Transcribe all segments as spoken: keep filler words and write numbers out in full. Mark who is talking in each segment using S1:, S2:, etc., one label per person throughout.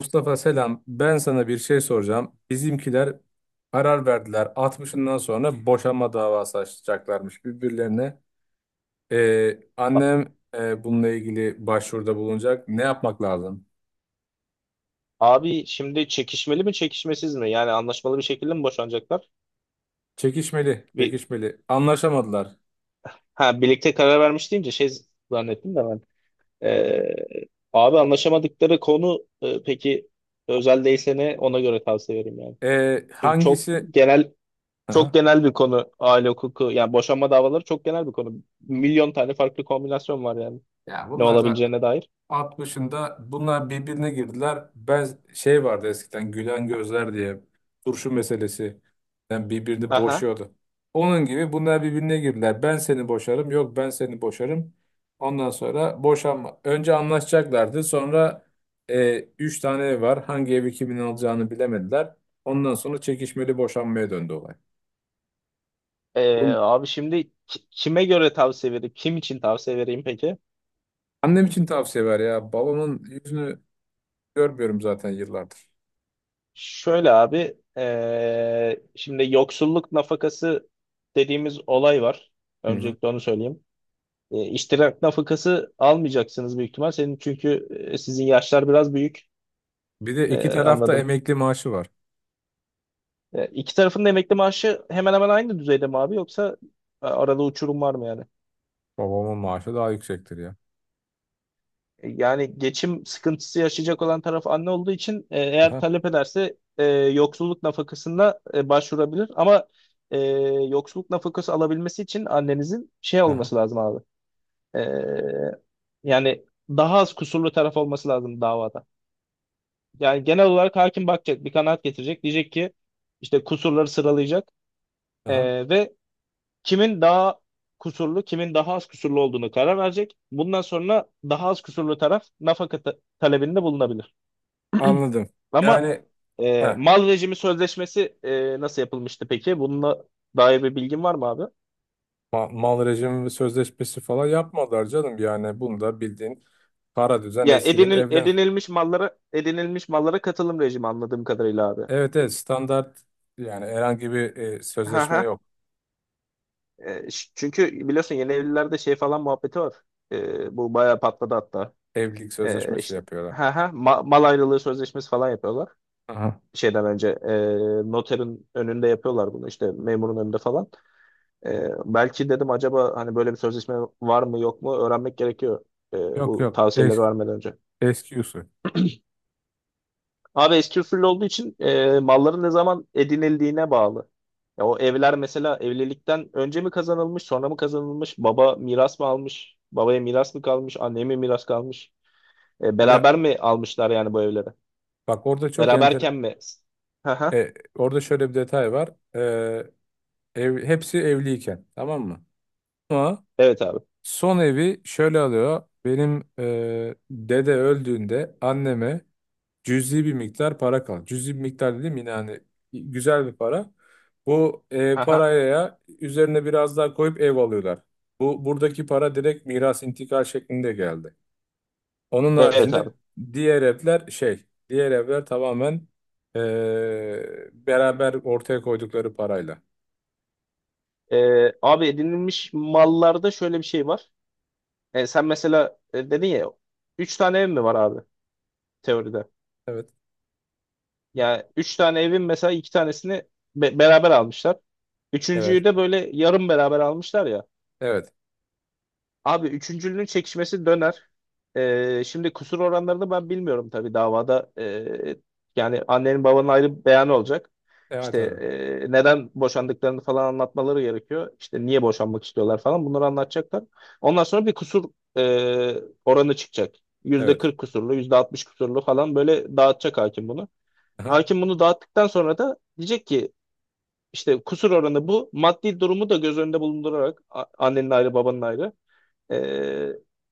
S1: Mustafa selam. Ben sana bir şey soracağım. Bizimkiler karar verdiler. altmışından sonra boşanma davası açacaklarmış birbirlerine. Ee,
S2: A-
S1: annem e, bununla ilgili başvuruda bulunacak. Ne yapmak lazım?
S2: Abi şimdi çekişmeli mi çekişmesiz mi? Yani anlaşmalı bir şekilde mi boşanacaklar?
S1: Çekişmeli,
S2: Bir,
S1: çekişmeli. Anlaşamadılar.
S2: ha birlikte karar vermiş deyince şey zannettim de ben. Ee, abi anlaşamadıkları konu e, peki özel değilse ne ona göre tavsiye veririm yani.
S1: Ee,
S2: Çünkü çok
S1: hangisi?
S2: genel çok
S1: Aha.
S2: genel bir konu aile hukuku yani boşanma davaları çok genel bir konu. Milyon tane farklı kombinasyon var yani
S1: Ya
S2: ne
S1: bunlar zaten
S2: olabileceğine dair.
S1: altmışında bunlar birbirine girdiler. Ben şey vardı eskiden gülen gözler diye turşu meselesi. Yani birbirini
S2: Aha.
S1: boşuyordu. Onun gibi bunlar birbirine girdiler. Ben seni boşarım. Yok ben seni boşarım. Ondan sonra boşanma. Önce anlaşacaklardı. Sonra e, üç tane ev var. Hangi evi kimin alacağını bilemediler. Ondan sonra çekişmeli boşanmaya döndü olay.
S2: Ee,
S1: Bunu
S2: abi şimdi ki- kime göre tavsiye vereyim? Kim için tavsiye vereyim peki?
S1: annem için tavsiye ver ya. Balonun yüzünü görmüyorum zaten yıllardır.
S2: Şöyle abi, eee, şimdi yoksulluk nafakası dediğimiz olay var.
S1: Hı hı.
S2: Öncelikle onu söyleyeyim. E, iştirak nafakası almayacaksınız büyük ihtimal. Senin çünkü e, sizin yaşlar biraz büyük.
S1: Bir de
S2: E,
S1: iki tarafta
S2: anladım.
S1: emekli maaşı var.
S2: E, iki tarafın da emekli maaşı hemen hemen aynı düzeyde mi abi, yoksa e, arada uçurum var mı yani?
S1: Babamın maaşı daha yüksektir ya.
S2: E, Yani geçim sıkıntısı yaşayacak olan taraf anne olduğu için e, eğer
S1: Aha,
S2: talep ederse e, yoksulluk nafakasına e, başvurabilir. Ama e, yoksulluk nafakası alabilmesi için annenizin şey
S1: aha,
S2: olması lazım abi. E, Yani daha az kusurlu taraf olması lazım davada. Yani genel olarak hakim bakacak, bir kanaat getirecek. Diyecek ki işte kusurları sıralayacak,
S1: aha.
S2: E, ve kimin daha kusurlu, kimin daha az kusurlu olduğunu karar verecek. Bundan sonra daha az kusurlu taraf nafaka ta- talebinde bulunabilir.
S1: Anladım.
S2: Ama
S1: Yani
S2: e,
S1: heh,
S2: mal rejimi sözleşmesi e, nasıl yapılmıştı peki? Bununla dair bir bilgin var mı abi?
S1: ma- mal rejimi ve sözleşmesi falan yapmadılar canım. Yani bunu da bildiğin para düzen
S2: Ya
S1: eskiden
S2: edinil,
S1: evlen.
S2: edinilmiş mallara edinilmiş mallara katılım rejimi anladığım kadarıyla abi.
S1: Evet evet, standart yani herhangi bir e,
S2: Ha
S1: sözleşme
S2: ha.
S1: yok.
S2: E, ş- çünkü biliyorsun yeni evlilerde şey falan muhabbeti var. E, bu bayağı patladı hatta.
S1: Evlilik
S2: E,
S1: sözleşmesi
S2: işte.
S1: yapıyorlar.
S2: Ha ha. Ma- mal ayrılığı sözleşmesi falan yapıyorlar.
S1: Aha.
S2: Şeyden önce e, noterin önünde yapıyorlar bunu, işte memurun önünde falan. Ee, belki dedim acaba hani böyle bir sözleşme var mı yok mu öğrenmek gerekiyor ee,
S1: Yok
S2: bu
S1: yok
S2: tavsiyeleri
S1: eski,
S2: vermeden önce.
S1: eski usul.
S2: Abi eski usul olduğu için ee, malların ne zaman edinildiğine bağlı. Ya o evler mesela evlilikten önce mi kazanılmış, sonra mı kazanılmış, baba miras mı almış, babaya miras mı kalmış, anneye mi miras kalmış, E,
S1: Ya
S2: beraber mi almışlar yani bu evleri?
S1: bak orada çok enter
S2: Beraberken mi? Haha,
S1: e, orada şöyle bir detay var. E, Ev, hepsi evliyken tamam mı? Ama
S2: evet abi.
S1: son evi şöyle alıyor. Benim e, dede öldüğünde anneme cüzi bir miktar para kaldı. Cüzi bir miktar dedim yine hani güzel bir para. Bu e,
S2: Haha,
S1: paraya üzerine biraz daha koyup ev alıyorlar. Bu buradaki para direkt miras intikal şeklinde geldi. Onun
S2: evet
S1: haricinde
S2: abi.
S1: diğer evler şey, diğer evler tamamen e, beraber ortaya koydukları parayla.
S2: E, Abi edinilmiş mallarda şöyle bir şey var. E, sen mesela e, dedin ya, üç tane ev mi var abi teoride?
S1: Evet,
S2: Yani üç tane evin mesela iki tanesini be- beraber almışlar.
S1: evet,
S2: Üçüncüyü de böyle yarım beraber almışlar ya.
S1: evet.
S2: Abi üçüncülünün çekişmesi döner. Ee, şimdi kusur oranlarını ben bilmiyorum tabii davada. Ee, yani annenin babanın ayrı bir beyanı olacak.
S1: Evet
S2: İşte
S1: abi.
S2: ee, neden boşandıklarını falan anlatmaları gerekiyor. İşte niye boşanmak istiyorlar falan, bunları anlatacaklar. Ondan sonra bir kusur ee, oranı çıkacak. Yüzde
S1: Evet.
S2: kırk kusurlu, yüzde altmış kusurlu falan böyle dağıtacak hakim bunu.
S1: Aha.
S2: Hakim bunu dağıttıktan sonra da diyecek ki işte kusur oranı bu. Maddi durumu da göz önünde bulundurarak, a- annenin ayrı babanın ayrı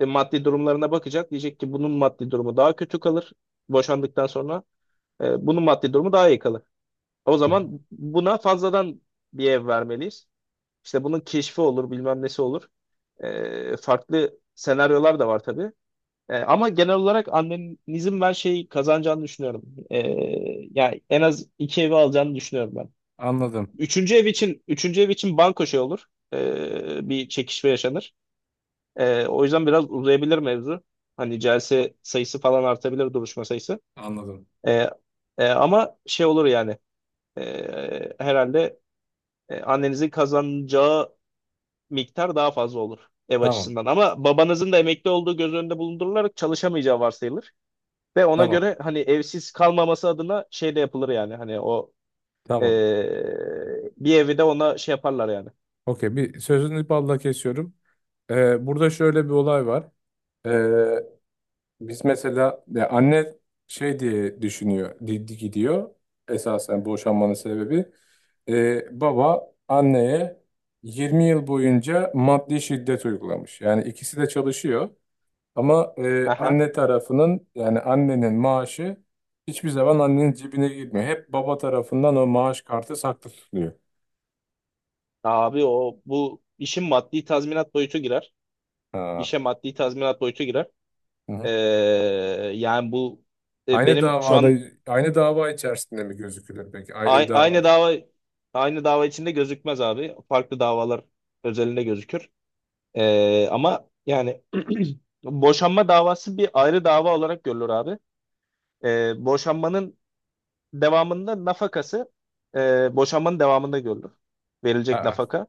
S2: e, maddi durumlarına bakacak. Diyecek ki bunun maddi durumu daha kötü kalır boşandıktan sonra. E, bunun maddi durumu daha iyi kalır. O
S1: Hı hı.
S2: zaman buna fazladan bir ev vermeliyiz. İşte bunun keşfi olur, bilmem nesi olur. E, farklı senaryolar da var tabii. E, ama genel olarak annenizin ben şey kazanacağını düşünüyorum. E, Yani en az iki evi alacağını düşünüyorum ben.
S1: Anladım.
S2: Üçüncü ev için üçüncü ev için banko şey olur. E, bir çekişme yaşanır. Ee, o yüzden biraz uzayabilir mevzu. Hani celse sayısı falan artabilir, duruşma sayısı.
S1: Anladım.
S2: Ee, e, Ama şey olur yani, ee, herhalde e, annenizin kazanacağı miktar daha fazla olur ev
S1: Tamam.
S2: açısından. Ama babanızın da emekli olduğu göz önünde bulundurularak çalışamayacağı varsayılır. Ve ona
S1: Tamam.
S2: göre hani evsiz kalmaması adına şey de yapılır yani, hani o
S1: Tamam.
S2: ee, bir evi de ona şey yaparlar yani.
S1: Okey, bir sözünü balla kesiyorum. Ee, burada şöyle bir olay var. Ee, Biz mesela ya anne şey diye düşünüyor, di- di- gidiyor. Esasen boşanmanın sebebi. Ee, baba anneye yirmi yıl boyunca maddi şiddet uygulamış. Yani ikisi de çalışıyor. Ama e,
S2: Aha.
S1: anne tarafının yani annenin maaşı hiçbir zaman annenin cebine girmiyor. Hep baba tarafından o maaş kartı saklı tutuluyor.
S2: Abi o bu işin maddi tazminat boyutu girer. İşe maddi tazminat boyutu girer.
S1: Ha.
S2: Ee, Yani bu e,
S1: Aynı
S2: benim şu
S1: davada
S2: an
S1: Aynı dava içerisinde mi gözükülür peki? Ayrı
S2: a-
S1: bir dava mı?
S2: aynı dava aynı dava içinde gözükmez abi. Farklı davalar özelinde gözükür. Ee, ama yani boşanma davası bir ayrı dava olarak görülür abi. Ee, boşanmanın devamında nafakası, e, boşanmanın devamında görülür. Verilecek
S1: Ha,
S2: nafaka.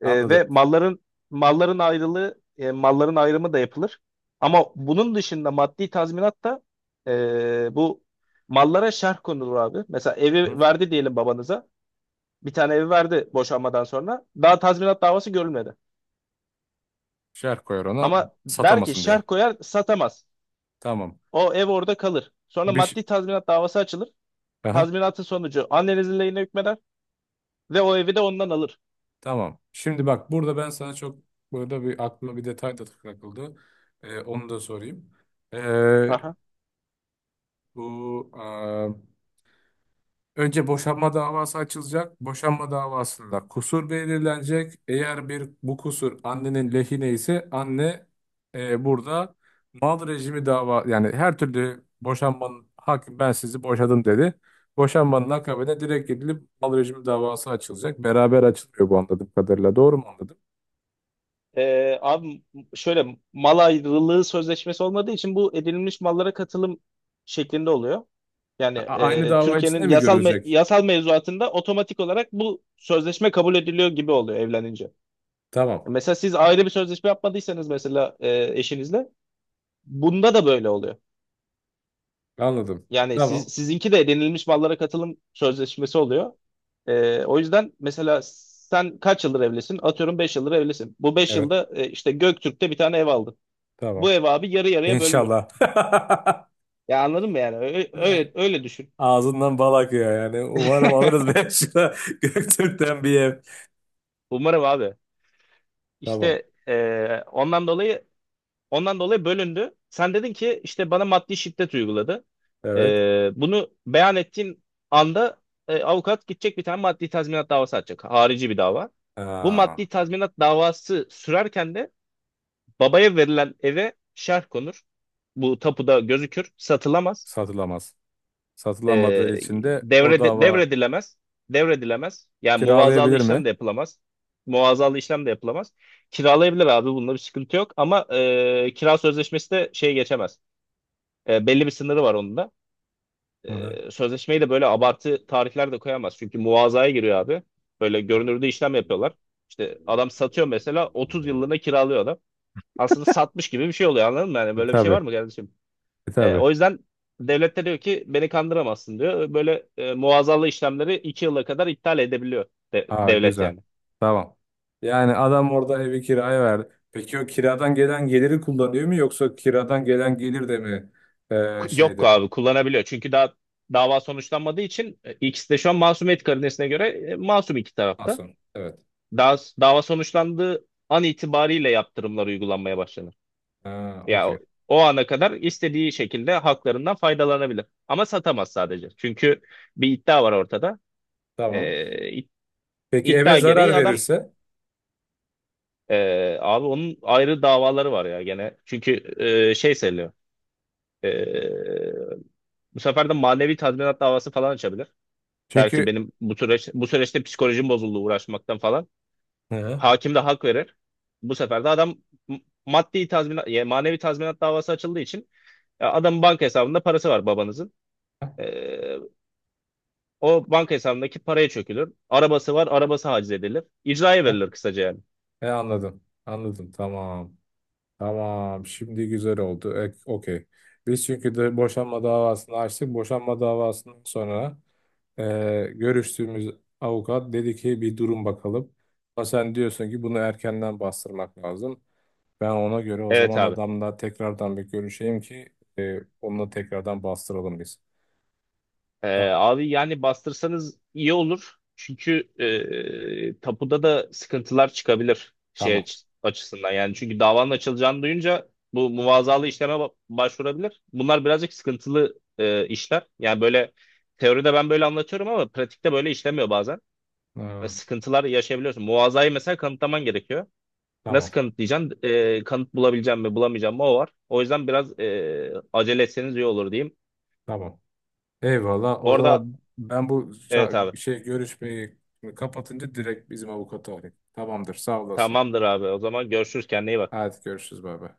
S2: Ee, ve
S1: anladım.
S2: malların malların ayrılığı, e, malların ayrımı da yapılır. Ama bunun dışında maddi tazminat da e, bu mallara şerh konulur abi. Mesela
S1: Hı?
S2: evi verdi diyelim babanıza. Bir tane evi verdi boşanmadan sonra. Daha tazminat davası görülmedi.
S1: Şerh koyar ona
S2: Ama der ki,
S1: satamasın
S2: şerh
S1: diye.
S2: koyar, satamaz.
S1: Tamam.
S2: O ev orada kalır. Sonra
S1: Bir ş-
S2: maddi tazminat davası açılır.
S1: Aha,
S2: Tazminatın sonucu annenizin lehine hükmeder ve o evi de ondan alır.
S1: tamam. Şimdi bak burada ben sana çok burada bir aklıma bir detay da takıldı. Ee, onu da sorayım. Ee,
S2: Aha.
S1: bu Önce boşanma davası açılacak. Boşanma davasında kusur belirlenecek. Eğer bir bu kusur annenin lehine ise anne e, burada mal rejimi dava yani her türlü boşanmanın hakim ben sizi boşadım dedi. Boşanmanın akabine direkt gidilip mal rejimi davası açılacak. Beraber açılıyor bu anladığım kadarıyla. Doğru mu anladım?
S2: Ee, abi şöyle, mal ayrılığı sözleşmesi olmadığı için bu edinilmiş mallara katılım şeklinde oluyor. Yani
S1: A- aynı
S2: e,
S1: dava
S2: Türkiye'nin
S1: içinde mi
S2: yasal me-
S1: görülecek?
S2: yasal mevzuatında otomatik olarak bu sözleşme kabul ediliyor gibi oluyor evlenince.
S1: Tamam.
S2: Mesela siz ayrı bir sözleşme yapmadıysanız mesela e, eşinizle, bunda da böyle oluyor.
S1: Anladım.
S2: Yani
S1: Tamam.
S2: siz, sizinki de edinilmiş mallara katılım sözleşmesi oluyor. Ee, o yüzden mesela sen kaç yıldır evlisin? Atıyorum beş yıldır evlisin. Bu beş
S1: Evet.
S2: yılda e, işte Göktürk'te bir tane ev aldın. Bu
S1: Tamam.
S2: ev abi yarı yarıya bölünür.
S1: İnşallah.
S2: Ya anladın mı yani? Öyle öyle, öyle düşün.
S1: Ağzından bal akıyor yani. Umarım alırız ben Beşiktaş'a Göktürk'ten bir ev.
S2: Umarım abi.
S1: Tamam.
S2: İşte e, ondan dolayı ondan dolayı bölündü. Sen dedin ki işte bana maddi şiddet uyguladı.
S1: Evet.
S2: E, bunu beyan ettiğin anda e, avukat gidecek, bir tane maddi tazminat davası açacak. Harici bir dava. Bu
S1: Aa,
S2: maddi tazminat davası sürerken de babaya verilen eve şerh konur. Bu tapuda gözükür. Satılamaz.
S1: satılamaz.
S2: E,
S1: Satılamadığı için de o
S2: devrede,
S1: dava
S2: Devredilemez. Devredilemez. Yani muvazalı
S1: kiralayabilir mi?
S2: işlem de yapılamaz. Muvazalı işlem de yapılamaz. Kiralayabilir abi. Bunda bir sıkıntı yok. Ama e, kira sözleşmesi de şey geçemez. E, belli bir sınırı var onun da.
S1: Hı.
S2: E, sözleşmeyi de böyle abartı tarihler de koyamaz. Çünkü muvazaya giriyor abi. Böyle görünürde işlem yapıyorlar. İşte adam satıyor mesela, otuz yıllığına kiralıyor adam. Aslında satmış gibi bir şey oluyor, anladın mı? Yani
S1: E,
S2: böyle bir şey var
S1: tabii.
S2: mı kardeşim?
S1: E,
S2: E,
S1: tabii.
S2: o yüzden devlet de diyor ki beni kandıramazsın diyor. Böyle e, muazzalı işlemleri iki yıla kadar iptal edebiliyor de-
S1: Aa,
S2: devlet
S1: güzel.
S2: yani.
S1: Tamam. Yani adam orada evi kiraya verdi. Peki o kiradan gelen geliri kullanıyor mu yoksa kiradan gelen gelir de mi e,
S2: Ku- Yok
S1: şeyde?
S2: abi, kullanabiliyor. Çünkü daha dava sonuçlanmadığı için e, ikisi de şu an masumiyet karinesine göre e, masum iki tarafta.
S1: Asun. Evet.
S2: Daha, dava sonuçlandığı an itibariyle yaptırımlar uygulanmaya başlanır.
S1: Ha,
S2: Ya
S1: okey.
S2: o, o ana kadar istediği şekilde haklarından faydalanabilir. Ama satamaz sadece. Çünkü bir iddia var ortada.
S1: Tamam.
S2: E, id-
S1: Peki eve
S2: iddia
S1: zarar
S2: gereği adam,
S1: verirse?
S2: Ee, abi onun ayrı davaları var ya gene. Çünkü e, şey sayılıyor. Ee, Bu sefer de manevi tazminat davası falan açabilir. Der ki
S1: Çünkü
S2: benim bu süreç bu süreçte psikolojim bozuldu uğraşmaktan falan.
S1: hı.
S2: Hakim de hak verir. Bu sefer de adam m- maddi tazminat, yani manevi tazminat davası açıldığı için, ya adamın banka hesabında parası var babanızın. Ee, O banka hesabındaki paraya çökülür. Arabası var, arabası haciz edilir. İcraya
S1: Heh,
S2: verilir kısaca yani.
S1: he, anladım. Anladım. Tamam. Tamam. Şimdi güzel oldu. E, okey. Biz çünkü de boşanma davasını açtık. Boşanma davasından sonra e, görüştüğümüz avukat dedi ki bir durun bakalım. Ama sen diyorsun ki bunu erkenden bastırmak lazım. Ben ona göre o
S2: Evet
S1: zaman
S2: abi.
S1: adamla tekrardan bir görüşeyim ki e, onunla tekrardan bastıralım biz.
S2: Ee,
S1: Tamam.
S2: abi yani bastırsanız iyi olur. Çünkü e, tapuda da sıkıntılar çıkabilir şey
S1: Tamam.
S2: aç- açısından. Yani çünkü davanın açılacağını duyunca bu muvazalı işleme ba- başvurabilir. Bunlar birazcık sıkıntılı e, işler. Yani böyle teoride ben böyle anlatıyorum ama pratikte böyle işlemiyor bazen. Ve
S1: Ee,
S2: sıkıntılar yaşayabiliyorsun. Muvazayı mesela kanıtlaman gerekiyor. Nasıl
S1: tamam.
S2: kanıtlayacaksın? E, kanıt bulabileceğim mi, bulamayacağım mı o var. O yüzden biraz e, acele etseniz iyi olur diyeyim.
S1: Tamam. Eyvallah. O
S2: Orada
S1: zaman ben bu
S2: evet
S1: ça-
S2: abi.
S1: şey görüşmeyi kapatınca direkt bizim avukatı arayayım. Tamamdır. Sağ olasın.
S2: Tamamdır abi. O zaman görüşürüz. Kendine iyi bak.
S1: Hadi görüşürüz. Bay bay.